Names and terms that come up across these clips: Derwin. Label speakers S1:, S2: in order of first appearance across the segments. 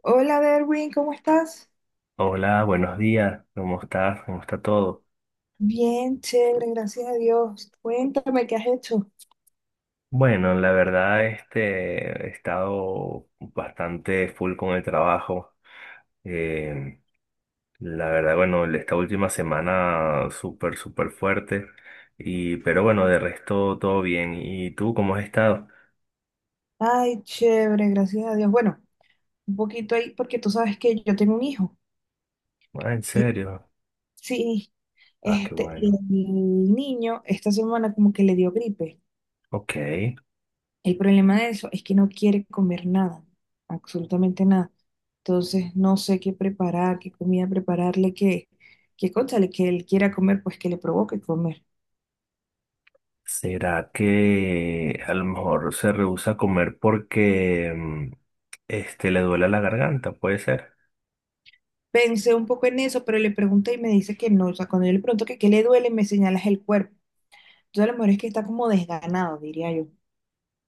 S1: Hola, Derwin, ¿cómo estás?
S2: Hola, buenos días, ¿cómo estás? ¿Cómo está todo?
S1: Bien, chévere, gracias a Dios. Cuéntame qué has hecho.
S2: Bueno, la verdad, he estado bastante full con el trabajo. Eh, la verdad, bueno, esta última semana súper, súper fuerte. Pero bueno, de resto todo bien. ¿Y tú cómo has estado?
S1: Ay, chévere, gracias a Dios. Bueno, un poquito ahí porque tú sabes que yo tengo un hijo.
S2: Ah, ¿en
S1: Y
S2: serio?
S1: sí,
S2: Ah, qué
S1: y
S2: bueno.
S1: el niño esta semana como que le dio gripe.
S2: Ok.
S1: El problema de eso es que no quiere comer nada, absolutamente nada. Entonces no sé qué preparar, qué comida prepararle, qué, qué cónchale, que él quiera comer, pues que le provoque comer.
S2: ¿Será que a lo mejor se rehúsa a comer porque le duele la garganta? ¿Puede ser?
S1: Pensé un poco en eso, pero le pregunté y me dice que no. O sea, cuando yo le pregunto que qué le duele, me señalas el cuerpo. Entonces, a lo mejor es que está como desganado, diría yo.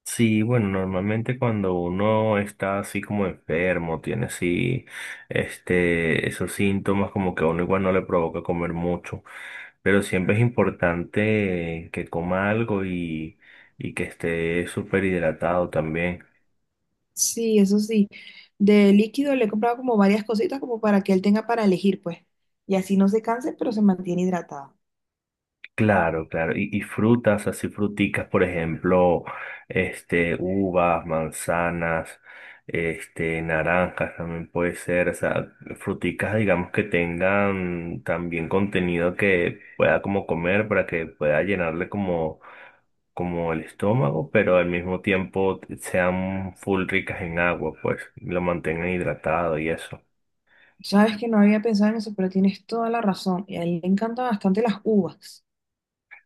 S2: Sí, bueno, normalmente cuando uno está así como enfermo, tiene así, esos síntomas como que a uno igual no le provoca comer mucho, pero siempre es importante que coma algo y que esté súper hidratado también.
S1: Sí, eso sí. De líquido le he comprado como varias cositas como para que él tenga para elegir, pues. Y así no se canse, pero se mantiene hidratado.
S2: Claro, claro. Y frutas, así fruticas, por ejemplo, uvas, manzanas, naranjas también puede ser. O sea, fruticas, digamos, que tengan también contenido que pueda como comer para que pueda llenarle como, como el estómago, pero al mismo tiempo sean full ricas en agua, pues, y lo mantengan hidratado y eso.
S1: Sabes que no había pensado en eso, pero tienes toda la razón. Y a él le encantan bastante las uvas.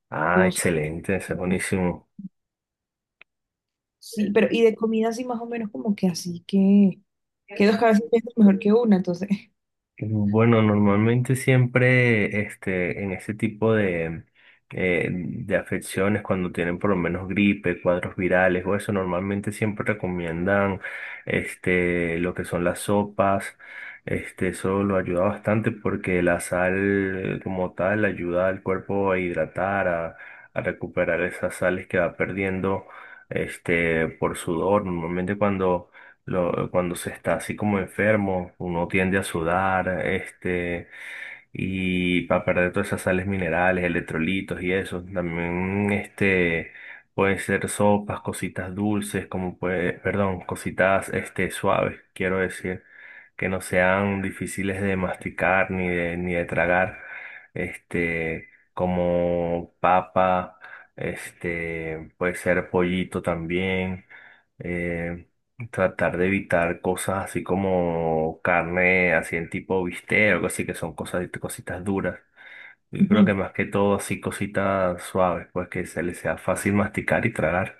S2: Ah,
S1: Entonces,
S2: excelente, eso es
S1: bueno,
S2: buenísimo.
S1: sí, pero y de comida así más o menos como que así que dos cabezas piensan mejor que una, entonces.
S2: Bueno, normalmente siempre en ese tipo de afecciones, cuando tienen por lo menos gripe, cuadros virales o eso, normalmente siempre recomiendan lo que son las sopas. Eso lo ayuda bastante porque la sal como tal ayuda al cuerpo a hidratar, a recuperar esas sales que va perdiendo por sudor. Normalmente cuando cuando se está así como enfermo, uno tiende a sudar, y para perder todas esas sales minerales, electrolitos y eso. También, pueden ser sopas, cositas dulces, como puede, perdón, cositas, suaves, quiero decir, que no sean difíciles de masticar ni de, ni de tragar, este, como papa, puede ser pollito también. eh, Tratar de evitar cosas así como carne, así en tipo bistec o algo así, que son cosas, cositas duras. Yo creo que más que todo así cositas suaves, pues que se les sea fácil masticar y tragar.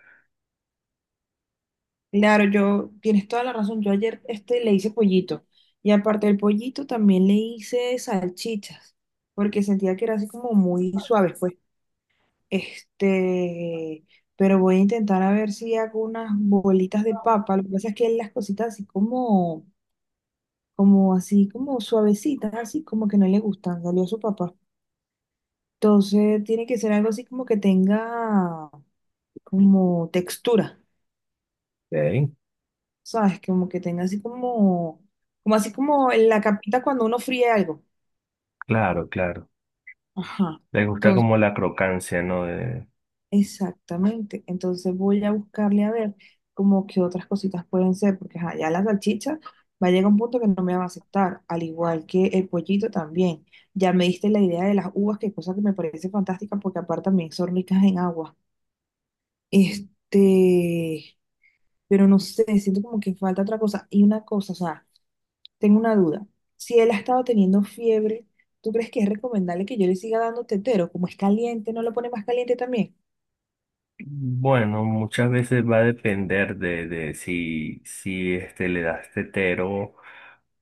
S1: Claro, yo, tienes toda la razón. Yo ayer le hice pollito y aparte del pollito también le hice salchichas porque sentía que era así como muy suave, pues. Este, pero voy a intentar a ver si hago unas bolitas de papa. Lo que pasa es que él las cositas así como, como así como suavecitas, así como que no le gustan, salió su papá. Entonces tiene que ser algo así como que tenga como textura.
S2: Ok.
S1: ¿Sabes? Como que tenga así como, como así como en la capita cuando uno fríe algo.
S2: Claro, claro.
S1: Ajá.
S2: Les gusta
S1: Entonces,
S2: como la crocancia, ¿no? De-
S1: exactamente. Entonces voy a buscarle a ver como que otras cositas pueden ser, porque ajá, ya la salchicha va a llegar a un punto que no me va a aceptar, al igual que el pollito también. Ya me diste la idea de las uvas, que cosa que me parece fantástica, porque aparte también son ricas en agua. Este, pero no sé, siento como que falta otra cosa. Y una cosa, o sea. Tengo una duda. Si él ha estado teniendo fiebre, ¿tú crees que es recomendable que yo le siga dando tetero? Como es caliente, ¿no lo pone más caliente también?
S2: Bueno, muchas veces va a depender de si, si le das tetero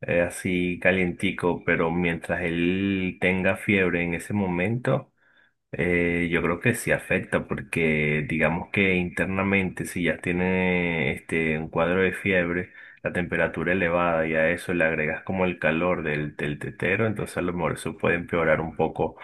S2: así calientico, pero mientras él tenga fiebre en ese momento. Yo creo que sí afecta porque digamos que internamente si ya tiene un cuadro de fiebre, la temperatura elevada y a eso le agregas como el calor del tetero, entonces a lo mejor eso puede empeorar un poco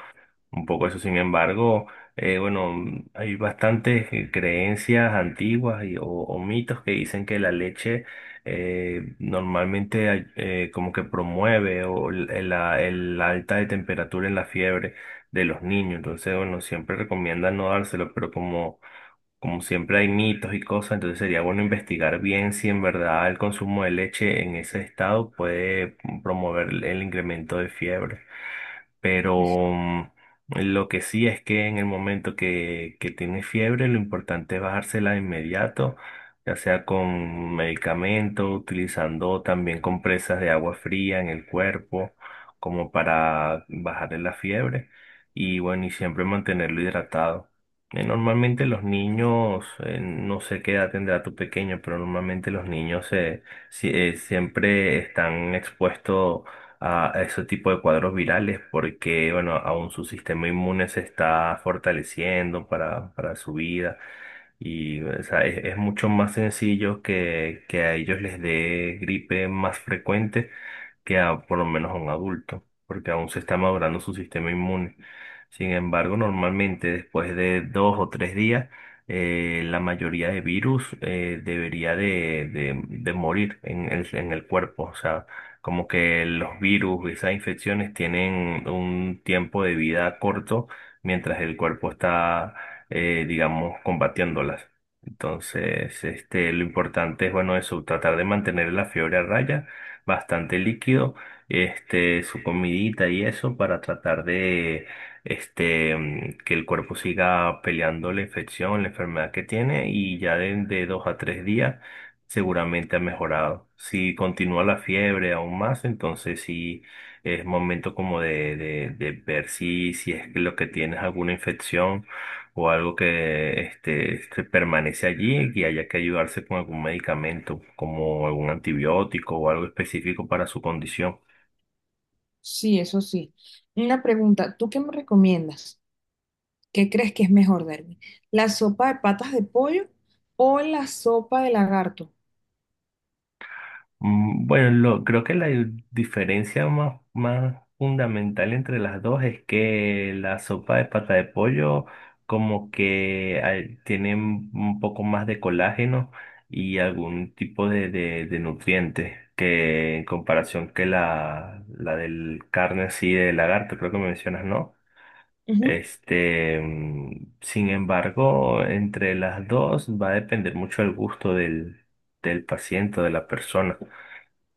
S2: eso, sin embargo, bueno, mm, hay bastantes creencias antiguas o mitos que dicen que la leche normalmente como que promueve o el la alta de temperatura en la fiebre de los niños. Entonces, bueno, siempre recomiendan no dárselo, pero como, como siempre hay mitos y cosas, entonces sería bueno investigar bien si en verdad el consumo de leche en ese estado puede promover el incremento de fiebre.
S1: Eso-
S2: Pero lo que sí es que en el momento que tiene fiebre, lo importante es bajársela de inmediato, ya sea con medicamento, utilizando también compresas de agua fría en el cuerpo, como para bajarle la fiebre. Y bueno, y siempre mantenerlo hidratado. Normalmente los niños, no sé qué edad tendrá tu pequeño, pero normalmente los niños se, si- siempre están expuestos a ese tipo de cuadros virales porque, bueno, aún su sistema inmune se está fortaleciendo para su vida. Y o sea, es mucho más sencillo que a ellos les dé gripe más frecuente que a por lo menos a un adulto, porque aún se está madurando su sistema inmune. Sin embargo, normalmente después de dos o tres días, la mayoría de virus debería de morir en el cuerpo. O sea, como que los virus, esas infecciones tienen un tiempo de vida corto mientras el cuerpo está digamos, combatiéndolas. Entonces, lo importante es, bueno, eso, tratar de mantener la fiebre a raya, bastante líquido, su comidita y eso para tratar de, que el cuerpo siga peleando la infección, la enfermedad que tiene y ya de dos a tres días seguramente ha mejorado. Si continúa la fiebre aún más, entonces sí es momento como de ver si, si es que lo que tienes alguna infección o algo que se permanece allí y haya que ayudarse con algún medicamento, como algún antibiótico o algo específico para su condición.
S1: sí, eso sí. Una pregunta, ¿tú qué me recomiendas? ¿Qué crees que es mejor darme? ¿La sopa de patas de pollo o la sopa de lagarto?
S2: Mm. Bueno, creo que la diferencia más, más fundamental entre las dos es que la sopa de pata de pollo como que tiene un poco más de colágeno y algún tipo de, de nutrientes que en comparación que la del carne así de lagarto, creo que me mencionas, ¿no?
S1: Ujú.
S2: Sin embargo, entre las dos va a depender mucho el gusto del, del paciente o de la persona,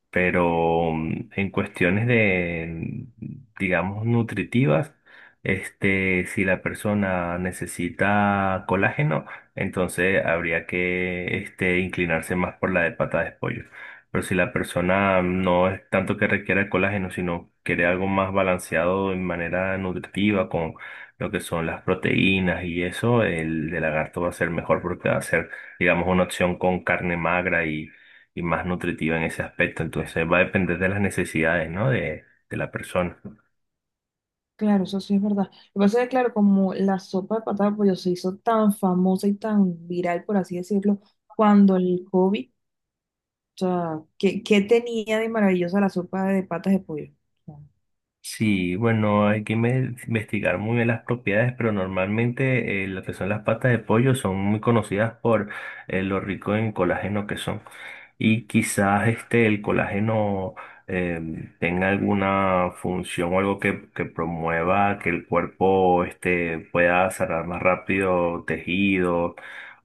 S2: pero en cuestiones de, digamos, nutritivas, si la persona necesita colágeno, entonces habría que, inclinarse más por la de pata de pollo. Pero si la persona no es tanto que requiera el colágeno, sino quiere algo más balanceado en manera nutritiva con lo que son las proteínas y eso, el de lagarto va a ser mejor porque va a ser, digamos, una opción con carne magra y más nutritiva en ese aspecto. Entonces va a depender de las necesidades, ¿no? De la persona.
S1: Claro, eso sí es verdad. Lo que pasa es que, claro, como la sopa de patas de pollo se hizo tan famosa y tan viral, por así decirlo, cuando el COVID sea, ¿qué, qué tenía de maravillosa la sopa de patas de pollo? O sea,
S2: Sí, bueno, hay que investigar muy bien las propiedades, pero normalmente lo que son las patas de pollo son muy conocidas por lo rico en colágeno que son. Y quizás el colágeno eh, tenga alguna función o algo que promueva que el cuerpo pueda sanar más rápido tejidos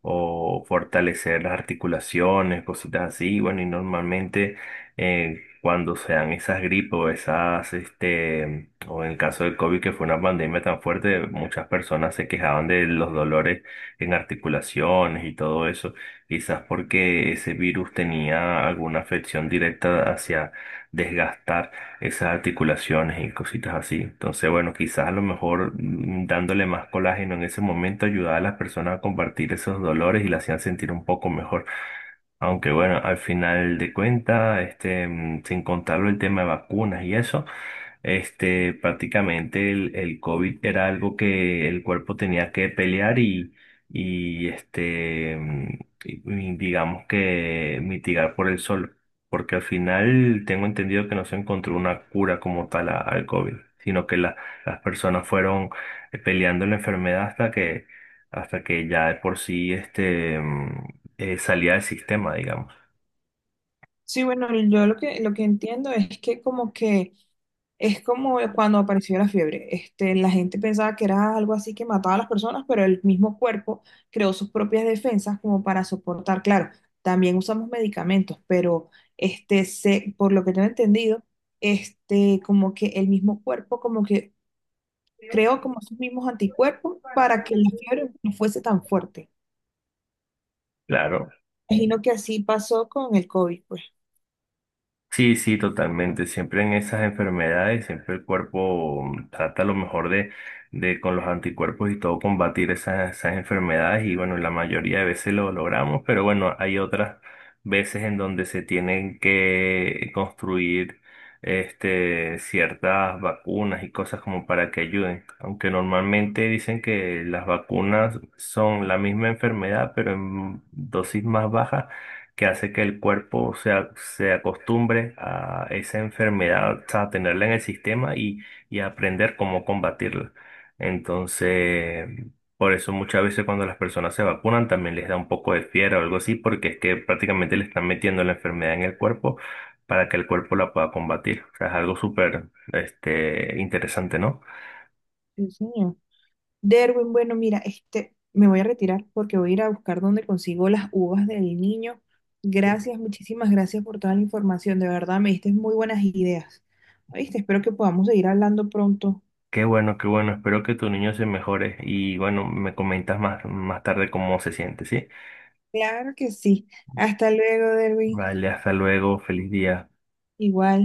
S2: o fortalecer las articulaciones, cositas así. Bueno, y normalmente eh, cuando sean esas gripes o esas, o en el caso del COVID, que fue una pandemia tan fuerte, muchas personas se quejaban de los dolores en articulaciones y todo eso, quizás porque ese virus tenía alguna afección directa hacia desgastar esas articulaciones y cositas así. Entonces, bueno, quizás a lo mejor dándole más colágeno en ese momento ayudaba a las personas a compartir esos dolores y las hacían sentir un poco mejor. Aunque bueno, al final de cuentas, sin contarlo el tema de vacunas y eso, prácticamente el COVID era algo que el cuerpo tenía que pelear y y digamos que mitigar por el sol. Porque al final tengo entendido que no se encontró una cura como tal al COVID, sino que las personas fueron peleando la enfermedad hasta que ya de por sí, salida del sistema, digamos.
S1: sí, bueno, yo lo que entiendo es que como que es como cuando apareció la fiebre. La gente pensaba que era algo así que mataba a las personas, pero el mismo cuerpo creó sus propias defensas como para soportar. Claro, también usamos medicamentos, pero se, por lo que tengo entendido, como que el mismo cuerpo como que creó como sus mismos anticuerpos para que la fiebre no fuese tan fuerte.
S2: Claro,
S1: Imagino que así pasó con el COVID, pues.
S2: sí, sí, totalmente. Siempre en esas enfermedades, siempre el cuerpo trata lo mejor de con los anticuerpos y todo combatir esas, esas enfermedades y bueno, la mayoría de veces lo logramos, pero bueno, hay otras veces en donde se tienen que construir ciertas vacunas y cosas como para que ayuden. Aunque normalmente dicen que las vacunas son la misma enfermedad, pero en dosis más bajas que hace que el cuerpo se acostumbre a esa enfermedad, o sea, a tenerla en el sistema y a aprender cómo combatirla. Entonces, por eso muchas veces cuando las personas se vacunan también les da un poco de fiebre o algo así, porque es que prácticamente le están metiendo la enfermedad en el cuerpo para que el cuerpo la pueda combatir. O sea, es algo súper, interesante, ¿no?
S1: Sí, señor. Derwin, bueno, mira, me voy a retirar porque voy a ir a buscar dónde consigo las uvas del niño. Gracias, muchísimas gracias por toda la información. De verdad, me diste muy buenas ideas. ¿Viste? Espero que podamos seguir hablando pronto.
S2: Qué bueno, qué bueno. Espero que tu niño se mejore y bueno, me comentas más, más tarde cómo se siente, ¿sí?
S1: Claro que sí. Hasta luego, Derwin.
S2: Vale, hasta luego, feliz día.
S1: Igual.